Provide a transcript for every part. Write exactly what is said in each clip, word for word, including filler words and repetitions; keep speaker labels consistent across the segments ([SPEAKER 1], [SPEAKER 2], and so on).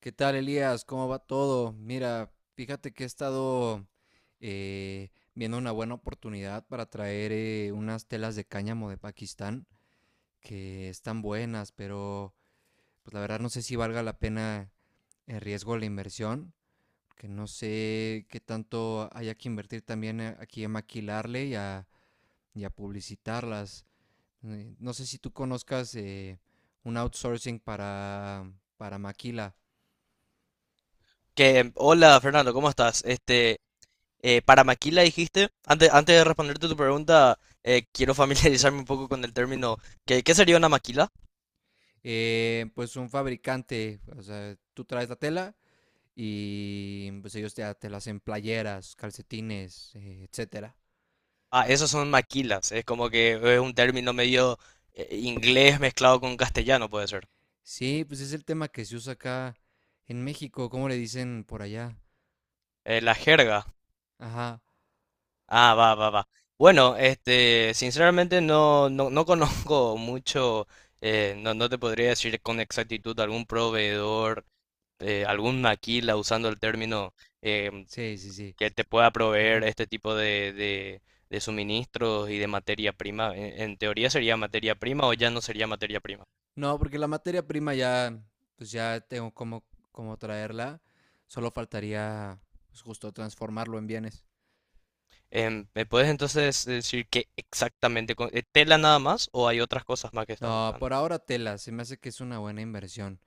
[SPEAKER 1] ¿Qué tal, Elías? ¿Cómo va todo? Mira, fíjate que he estado eh, viendo una buena oportunidad para traer eh, unas telas de cáñamo de Pakistán que están buenas, pero pues la verdad no sé si valga la pena el riesgo de la inversión, que no sé qué tanto haya que invertir también eh, aquí en maquilarle y a, y a publicitarlas. Eh, No sé si tú conozcas eh, un outsourcing para, para maquila.
[SPEAKER 2] Que, hola Fernando, ¿cómo estás? Este, eh, para maquila dijiste, antes, antes de responderte tu pregunta, eh, quiero familiarizarme un poco con el término. ¿Qué, qué sería una maquila?
[SPEAKER 1] Eh, pues un fabricante, o sea, tú traes la tela y pues ellos ya te la hacen playeras, calcetines, eh, etcétera.
[SPEAKER 2] Ah, esos son maquilas, es como que es un término medio eh, inglés mezclado con castellano, puede ser.
[SPEAKER 1] Sí, pues es el tema que se usa acá en México, ¿cómo le dicen por allá?
[SPEAKER 2] Eh, la jerga.
[SPEAKER 1] Ajá,
[SPEAKER 2] Ah, va, va, va. Bueno, este, sinceramente no, no, no conozco mucho, eh, no, no te podría decir con exactitud algún proveedor, eh, algún maquila usando el término. eh,
[SPEAKER 1] sí, sí, sí.
[SPEAKER 2] que te pueda proveer
[SPEAKER 1] Ajá.
[SPEAKER 2] este tipo de, de- de suministros y de materia prima. En, en teoría sería materia prima o ya no sería materia prima.
[SPEAKER 1] No, porque la materia prima ya, pues ya tengo cómo, cómo traerla, solo faltaría pues, justo transformarlo en bienes.
[SPEAKER 2] Em, ¿me puedes entonces decir qué exactamente, con- eh, tela nada más o hay otras cosas más que estás
[SPEAKER 1] No,
[SPEAKER 2] buscando?
[SPEAKER 1] por ahora tela, se me hace que es una buena inversión.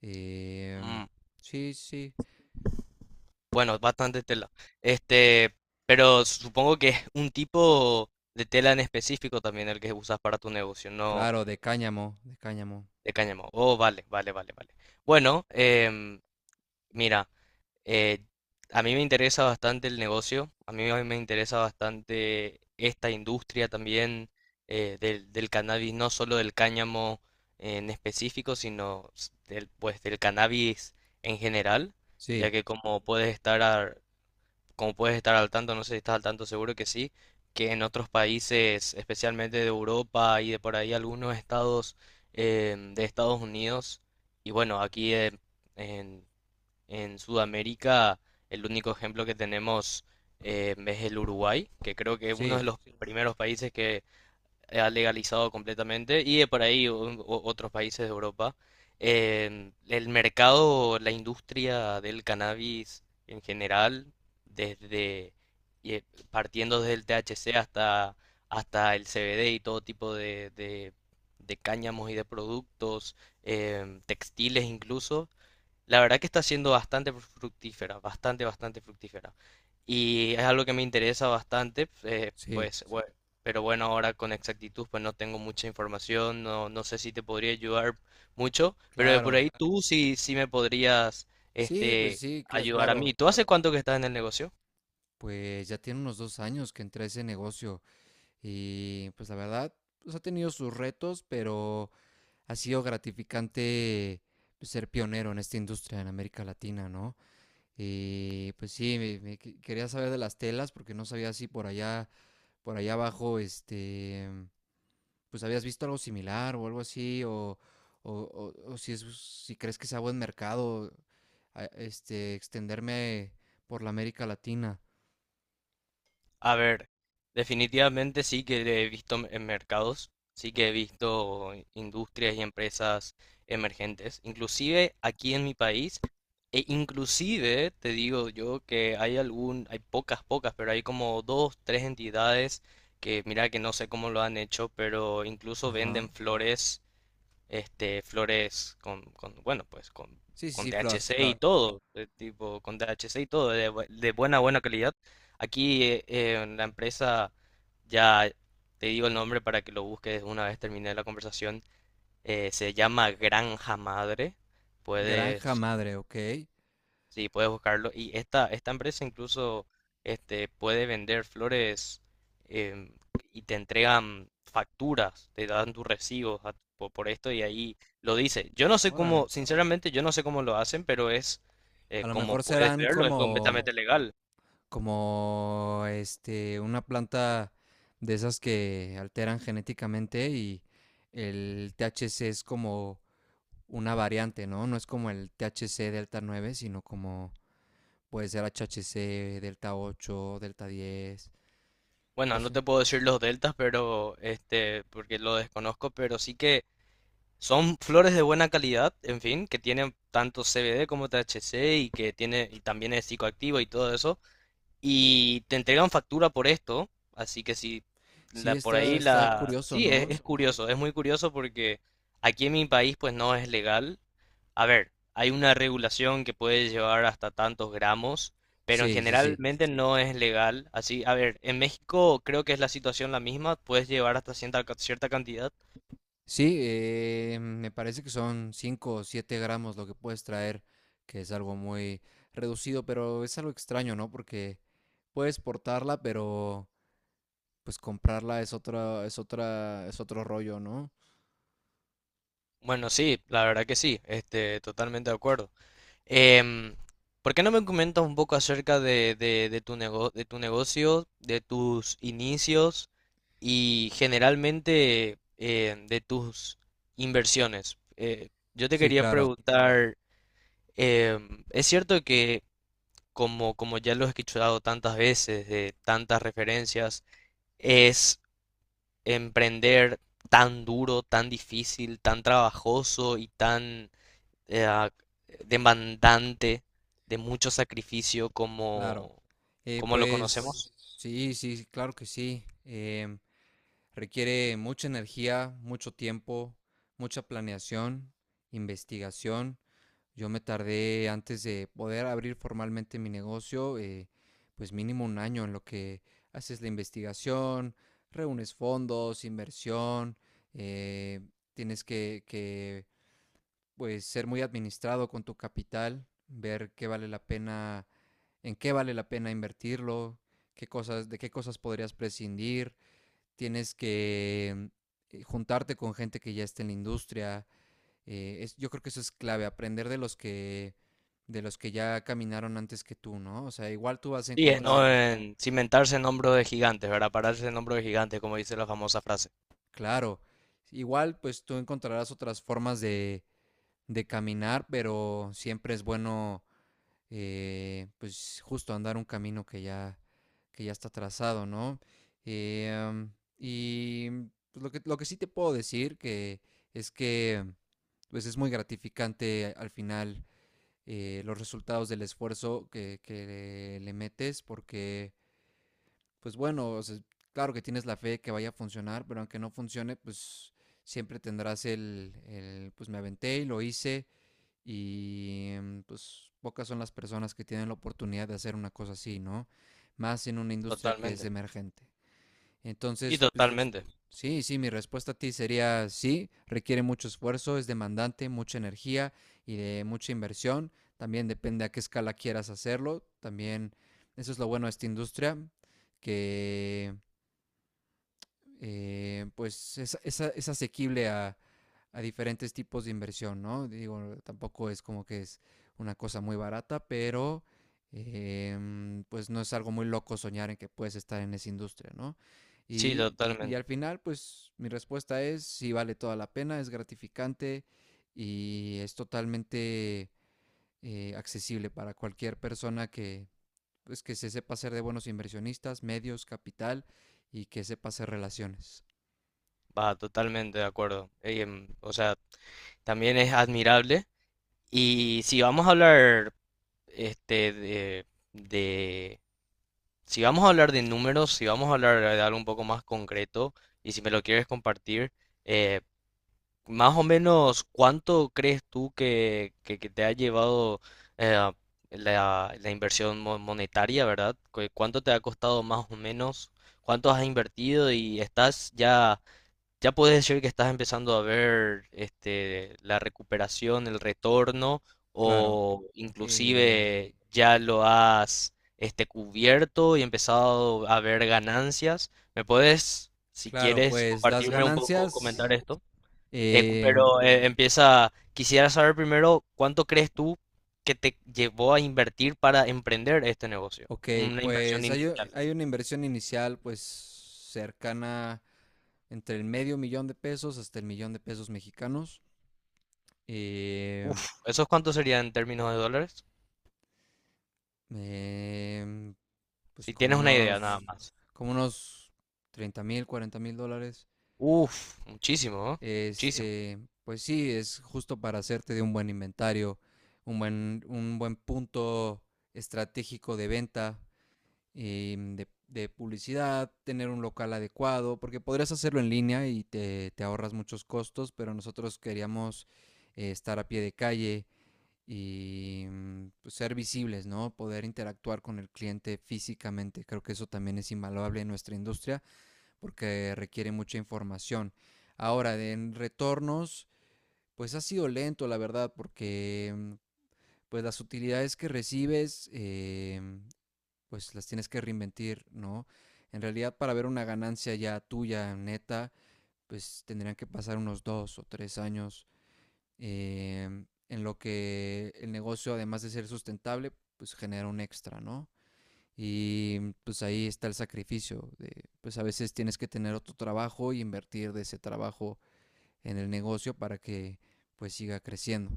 [SPEAKER 1] Em,
[SPEAKER 2] Mm,
[SPEAKER 1] sí, sí,
[SPEAKER 2] bueno, bastante tela. Este, pero supongo que es un tipo de tela en específico también el que usas para tu negocio, no
[SPEAKER 1] Claro, de cáñamo, de cáñamo.
[SPEAKER 2] de cáñamo. Oh, vale, vale, vale, vale. Bueno, em, mira, Eh, a mí me interesa bastante el negocio, a mí me me interesa bastante esta industria también eh, del, del cannabis, no solo del cáñamo en específico, sino s- del, pues, del cannabis en general, ya
[SPEAKER 1] Sí,
[SPEAKER 2] que como puedes estar a- como puedes estar al tanto, no sé si estás al tanto, seguro que sí, que en otros países, especialmente de Europa y de por ahí algunos estados em, de Estados Unidos, y bueno, aquí en en Sudamérica, el único ejemplo que tenemos eh, es el Uruguay, que creo que es uno de
[SPEAKER 1] sí,
[SPEAKER 2] los primeros países que ha legalizado completamente, y de por ahí o- o- otros países de Europa. Eh, el mercado, la industria del cannabis en general, desde y, eh, partiendo desde el T H C hasta, hasta el C B D y todo tipo de, de, de cáñamos y de productos, em, textiles, incluso la verdad que está siendo bastante fructífera, bastante, bastante fructífera. Y es algo que me interesa bastante, eh,
[SPEAKER 1] sí,
[SPEAKER 2] pues, bueno, pero bueno, ahora con exactitud, pues no tengo mucha información, no, no sé si te podría ayudar mucho, pero de por
[SPEAKER 1] claro.
[SPEAKER 2] ahí tú sí, sí me podrías,
[SPEAKER 1] Sí, pues
[SPEAKER 2] este,
[SPEAKER 1] sí, cla-
[SPEAKER 2] ayudar a mí.
[SPEAKER 1] claro.
[SPEAKER 2] ¿Tú hace cuánto que estás en el negocio?
[SPEAKER 1] Pues ya tiene unos dos años que entré a ese negocio y pues la verdad, pues ha tenido sus retos, pero ha sido gratificante pues, ser pionero en esta industria en América Latina, ¿no? Y pues sí, me, me que- quería saber de las telas porque no sabía si por allá, por allá abajo, este, pues habías visto algo similar o algo así, o, o- o- o si es, si crees que sea buen mercado, a- este, extenderme por la América Latina.
[SPEAKER 2] A ver, definitivamente sí que he visto m- en mercados, sí que he visto industrias y empresas emergentes, inclusive aquí en mi país, e inclusive te digo yo que hay algún, hay pocas, pocas, pero hay como dos, tres entidades que mira que no sé cómo lo han hecho, pero incluso venden
[SPEAKER 1] Ajá.
[SPEAKER 2] flores este, flores con, con, bueno, pues con,
[SPEAKER 1] Sí, sí,
[SPEAKER 2] con
[SPEAKER 1] sí, Flor,
[SPEAKER 2] T H C y
[SPEAKER 1] Flor.
[SPEAKER 2] todo, eh, tipo, con T H C y todo, de, bu- de buena, buena calidad. Aquí eh, eh, en la empresa, ya te digo el nombre para que lo busques una vez terminé la conversación, eh, se llama Granja Madre,
[SPEAKER 1] Granja
[SPEAKER 2] puedes.
[SPEAKER 1] madre, ok.
[SPEAKER 2] Sí, puedes buscarlo. Y esta, esta empresa incluso este, puede vender flores em, y te entregan facturas, te dan tus recibos a- po- por esto y ahí lo dice. Yo no sé
[SPEAKER 1] Órale.
[SPEAKER 2] cómo, sinceramente, yo no sé cómo lo hacen, pero es, eh,
[SPEAKER 1] A lo
[SPEAKER 2] como
[SPEAKER 1] mejor
[SPEAKER 2] puedes
[SPEAKER 1] serán
[SPEAKER 2] verlo, es
[SPEAKER 1] como,
[SPEAKER 2] completamente legal.
[SPEAKER 1] como, este, una planta de esas que alteran genéticamente y el T H C es como una variante, ¿no? No es como el T H C Delta nueve sino como Puede ser H H C, Delta ocho Delta diez.
[SPEAKER 2] Bueno,
[SPEAKER 1] No
[SPEAKER 2] no
[SPEAKER 1] sé.
[SPEAKER 2] te puedo decir los deltas, pero este, porque lo desconozco, pero sí que son flores de buena calidad, en fin, que tienen tanto C B D como T H C y que tiene, y también es psicoactivo y todo eso. Y te entregan factura por esto, así que si
[SPEAKER 1] Sí,
[SPEAKER 2] la, por ahí sí,
[SPEAKER 1] está,
[SPEAKER 2] está,
[SPEAKER 1] está
[SPEAKER 2] la... está
[SPEAKER 1] curioso,
[SPEAKER 2] sí, es,
[SPEAKER 1] ¿no?
[SPEAKER 2] es curioso. Curioso, es muy curioso porque aquí en mi país pues no es legal. A ver, hay una regulación que puede llevar hasta tantos gramos, pero en
[SPEAKER 1] Sí, sí, sí.
[SPEAKER 2] generalmente no es legal. Así, a ver, en México creo que es la situación la misma, puedes llevar hasta cierta, cierta cantidad.
[SPEAKER 1] Sí, eh, me parece que son cinco o siete gramos lo que puedes traer, que es algo muy reducido, pero es algo extraño, ¿no? Porque puedes portarla, pero pues comprarla es otra, es otra, es otro rollo, ¿no?
[SPEAKER 2] Bueno, sí, la verdad que sí, este, totalmente de acuerdo. Em, ¿Por qué no me comentas un poco acerca de, de- de tu nego- de tu negocio, de tus inicios y generalmente em, de tus inversiones? Eh, yo te
[SPEAKER 1] Sí,
[SPEAKER 2] quería
[SPEAKER 1] claro,
[SPEAKER 2] preguntar, em, es cierto que como, como ya lo he escuchado tantas veces, de tantas referencias, es emprender tan duro, tan difícil, tan trabajoso y tan eh, demandante, de mucho sacrificio,
[SPEAKER 1] claro.
[SPEAKER 2] como,
[SPEAKER 1] Eh,
[SPEAKER 2] como lo conocemos.
[SPEAKER 1] pues sí, sí, claro que sí. Em, Requiere mucha energía, mucho tiempo, mucha planeación, investigación. Yo me tardé antes de poder abrir formalmente mi negocio, eh, pues mínimo un año en lo que haces la investigación, reúnes fondos, inversión, eh, tienes que, que, pues ser muy administrado con tu capital, ver qué vale la pena, en qué vale la pena invertirlo, qué cosas, de qué cosas podrías prescindir, tienes que eh, juntarte con gente que ya esté en la industria. Eh, es- yo creo que eso es clave, aprender de los que, de los que ya caminaron antes que tú, ¿no? O sea, igual tú vas a
[SPEAKER 2] Sí, eh, no
[SPEAKER 1] encontrar,
[SPEAKER 2] en cimentarse en hombros de gigantes, ¿verdad? Pararse en hombros de gigantes, como dice la famosa frase.
[SPEAKER 1] claro, igual pues tú encontrarás otras formas de, de caminar, pero siempre es bueno eh, pues justo andar un camino que ya, que ya está trazado, ¿no? Eh, am, y pues, lo que, lo que sí te puedo decir que es que pues es muy gratificante al final eh, los resultados del esfuerzo que, que le metes porque pues bueno, o sea, claro que tienes la fe que vaya a funcionar, pero aunque no funcione, pues siempre tendrás el, el, pues me aventé y lo hice y em, pues pocas son las personas que tienen la oportunidad de hacer una cosa así, ¿no? Más en una industria que es
[SPEAKER 2] Totalmente.
[SPEAKER 1] emergente.
[SPEAKER 2] Y
[SPEAKER 1] Entonces, pues
[SPEAKER 2] totalmente.
[SPEAKER 1] sí, sí, mi respuesta a ti sería sí, requiere mucho esfuerzo, es demandante, mucha energía y de mucha inversión. También depende a qué escala quieras hacerlo. También eso es lo bueno de esta industria, que eh, pues es, es es asequible a, a diferentes tipos de inversión, ¿no? Digo, tampoco es como que es una cosa muy barata, pero em, pues no es algo muy loco soñar en que puedes estar en esa industria, ¿no?
[SPEAKER 2] Sí,
[SPEAKER 1] Y, y
[SPEAKER 2] totalmente.
[SPEAKER 1] al final, pues mi respuesta es, sí vale toda la pena, es gratificante y es totalmente eh, accesible para cualquier persona que, pues, que se sepa hacer de buenos inversionistas, medios, capital y que sepa hacer relaciones.
[SPEAKER 2] Va, totalmente de acuerdo. Ey, em, o sea, también es admirable. Y si vamos a hablar, este, de, de- si vamos a hablar de números, si vamos a hablar de algo un poco más concreto, y si me lo quieres compartir, eh, más o menos, ¿cuánto crees tú que, que- que te ha llevado eh, la, la inversión mo- monetaria, ¿verdad? Cu- ¿Cuánto te ha costado más o menos? ¿Cuánto has invertido? Y estás ya, ya puedes decir que estás empezando a ver este, la recuperación, el retorno,
[SPEAKER 1] Claro,
[SPEAKER 2] o
[SPEAKER 1] eh,
[SPEAKER 2] inclusive ya lo has este, cubierto y empezado a ver ganancias. ¿Me puedes, si
[SPEAKER 1] claro,
[SPEAKER 2] quieres,
[SPEAKER 1] pues las
[SPEAKER 2] compartirme un poco, comentar
[SPEAKER 1] ganancias,
[SPEAKER 2] esto? Eh,
[SPEAKER 1] em,
[SPEAKER 2] pero eh, empieza, quisiera saber primero cuánto crees tú que te llevó a invertir para emprender este negocio,
[SPEAKER 1] ok,
[SPEAKER 2] una inversión
[SPEAKER 1] pues hay, u-
[SPEAKER 2] inicial.
[SPEAKER 1] hay una inversión inicial pues cercana entre el medio millón de pesos hasta el millón de pesos mexicanos, em,
[SPEAKER 2] Uf, ¿esos cuántos serían en términos de dólares?
[SPEAKER 1] em, pues
[SPEAKER 2] Si
[SPEAKER 1] como
[SPEAKER 2] tienes una idea nada
[SPEAKER 1] unos,
[SPEAKER 2] más.
[SPEAKER 1] como unos treinta mil, cuarenta mil dólares,
[SPEAKER 2] Uf, muchísimo, ¿eh? Muchísimo.
[SPEAKER 1] este, pues sí, es justo para hacerte de un buen inventario, un buen, un buen punto estratégico de venta eh, de, de publicidad, tener un local adecuado, porque podrías hacerlo en línea y te, te ahorras muchos costos, pero nosotros queríamos eh, estar a pie de calle y mm, pues, ser visibles, ¿no? Poder interactuar con el cliente físicamente. Creo que eso también es invaluable en nuestra industria porque requiere mucha información. Ahora, en retornos, pues ha sido lento, la verdad, porque mm, pues las utilidades que recibes, eh, pues las tienes que reinventir, ¿no? En realidad para ver una ganancia ya tuya, neta, pues tendrían que pasar unos dos o tres años eh, en lo que el negocio, además de ser sustentable, pues genera un extra, ¿no? Y pues ahí está el sacrificio. De, pues a veces tienes que tener otro trabajo y invertir de ese trabajo en el negocio para que pues siga creciendo.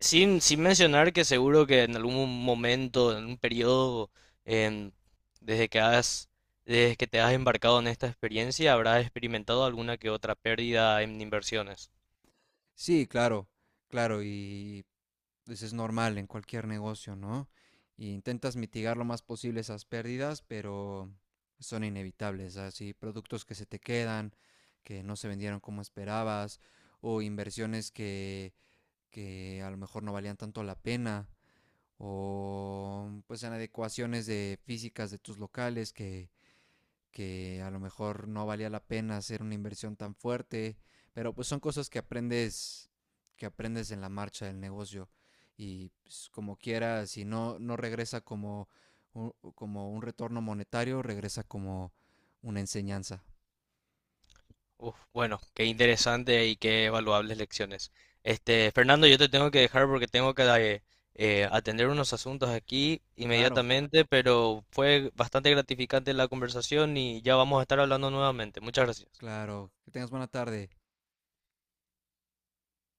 [SPEAKER 2] Sin, sin mencionar que seguro que en algún momento, en un periodo, em, desde que has, desde que te has embarcado en esta experiencia, habrás experimentado alguna que otra pérdida en inversiones.
[SPEAKER 1] Sí, claro, claro, y pues es normal en cualquier negocio, ¿no? Y intentas mitigar lo más posible esas pérdidas, pero son inevitables, así productos que se te quedan, que no se vendieron como esperabas, o inversiones que, que a lo mejor no valían tanto la pena, o pues en adecuaciones de físicas de tus locales que que a lo mejor no valía la pena hacer una inversión tan fuerte, pero pues son cosas que aprendes que aprendes en la marcha del negocio y pues, como quiera, si no no regresa como un, como un retorno monetario, regresa como una enseñanza.
[SPEAKER 2] Uf, bueno, qué interesante y qué valuables lecciones. Este, Fernando, yo te tengo que dejar porque tengo que eh, eh, atender unos asuntos aquí
[SPEAKER 1] Claro,
[SPEAKER 2] inmediatamente, pero fue bastante gratificante la conversación y ya vamos a estar hablando nuevamente. Muchas gracias.
[SPEAKER 1] claro. Que tengas buena tarde.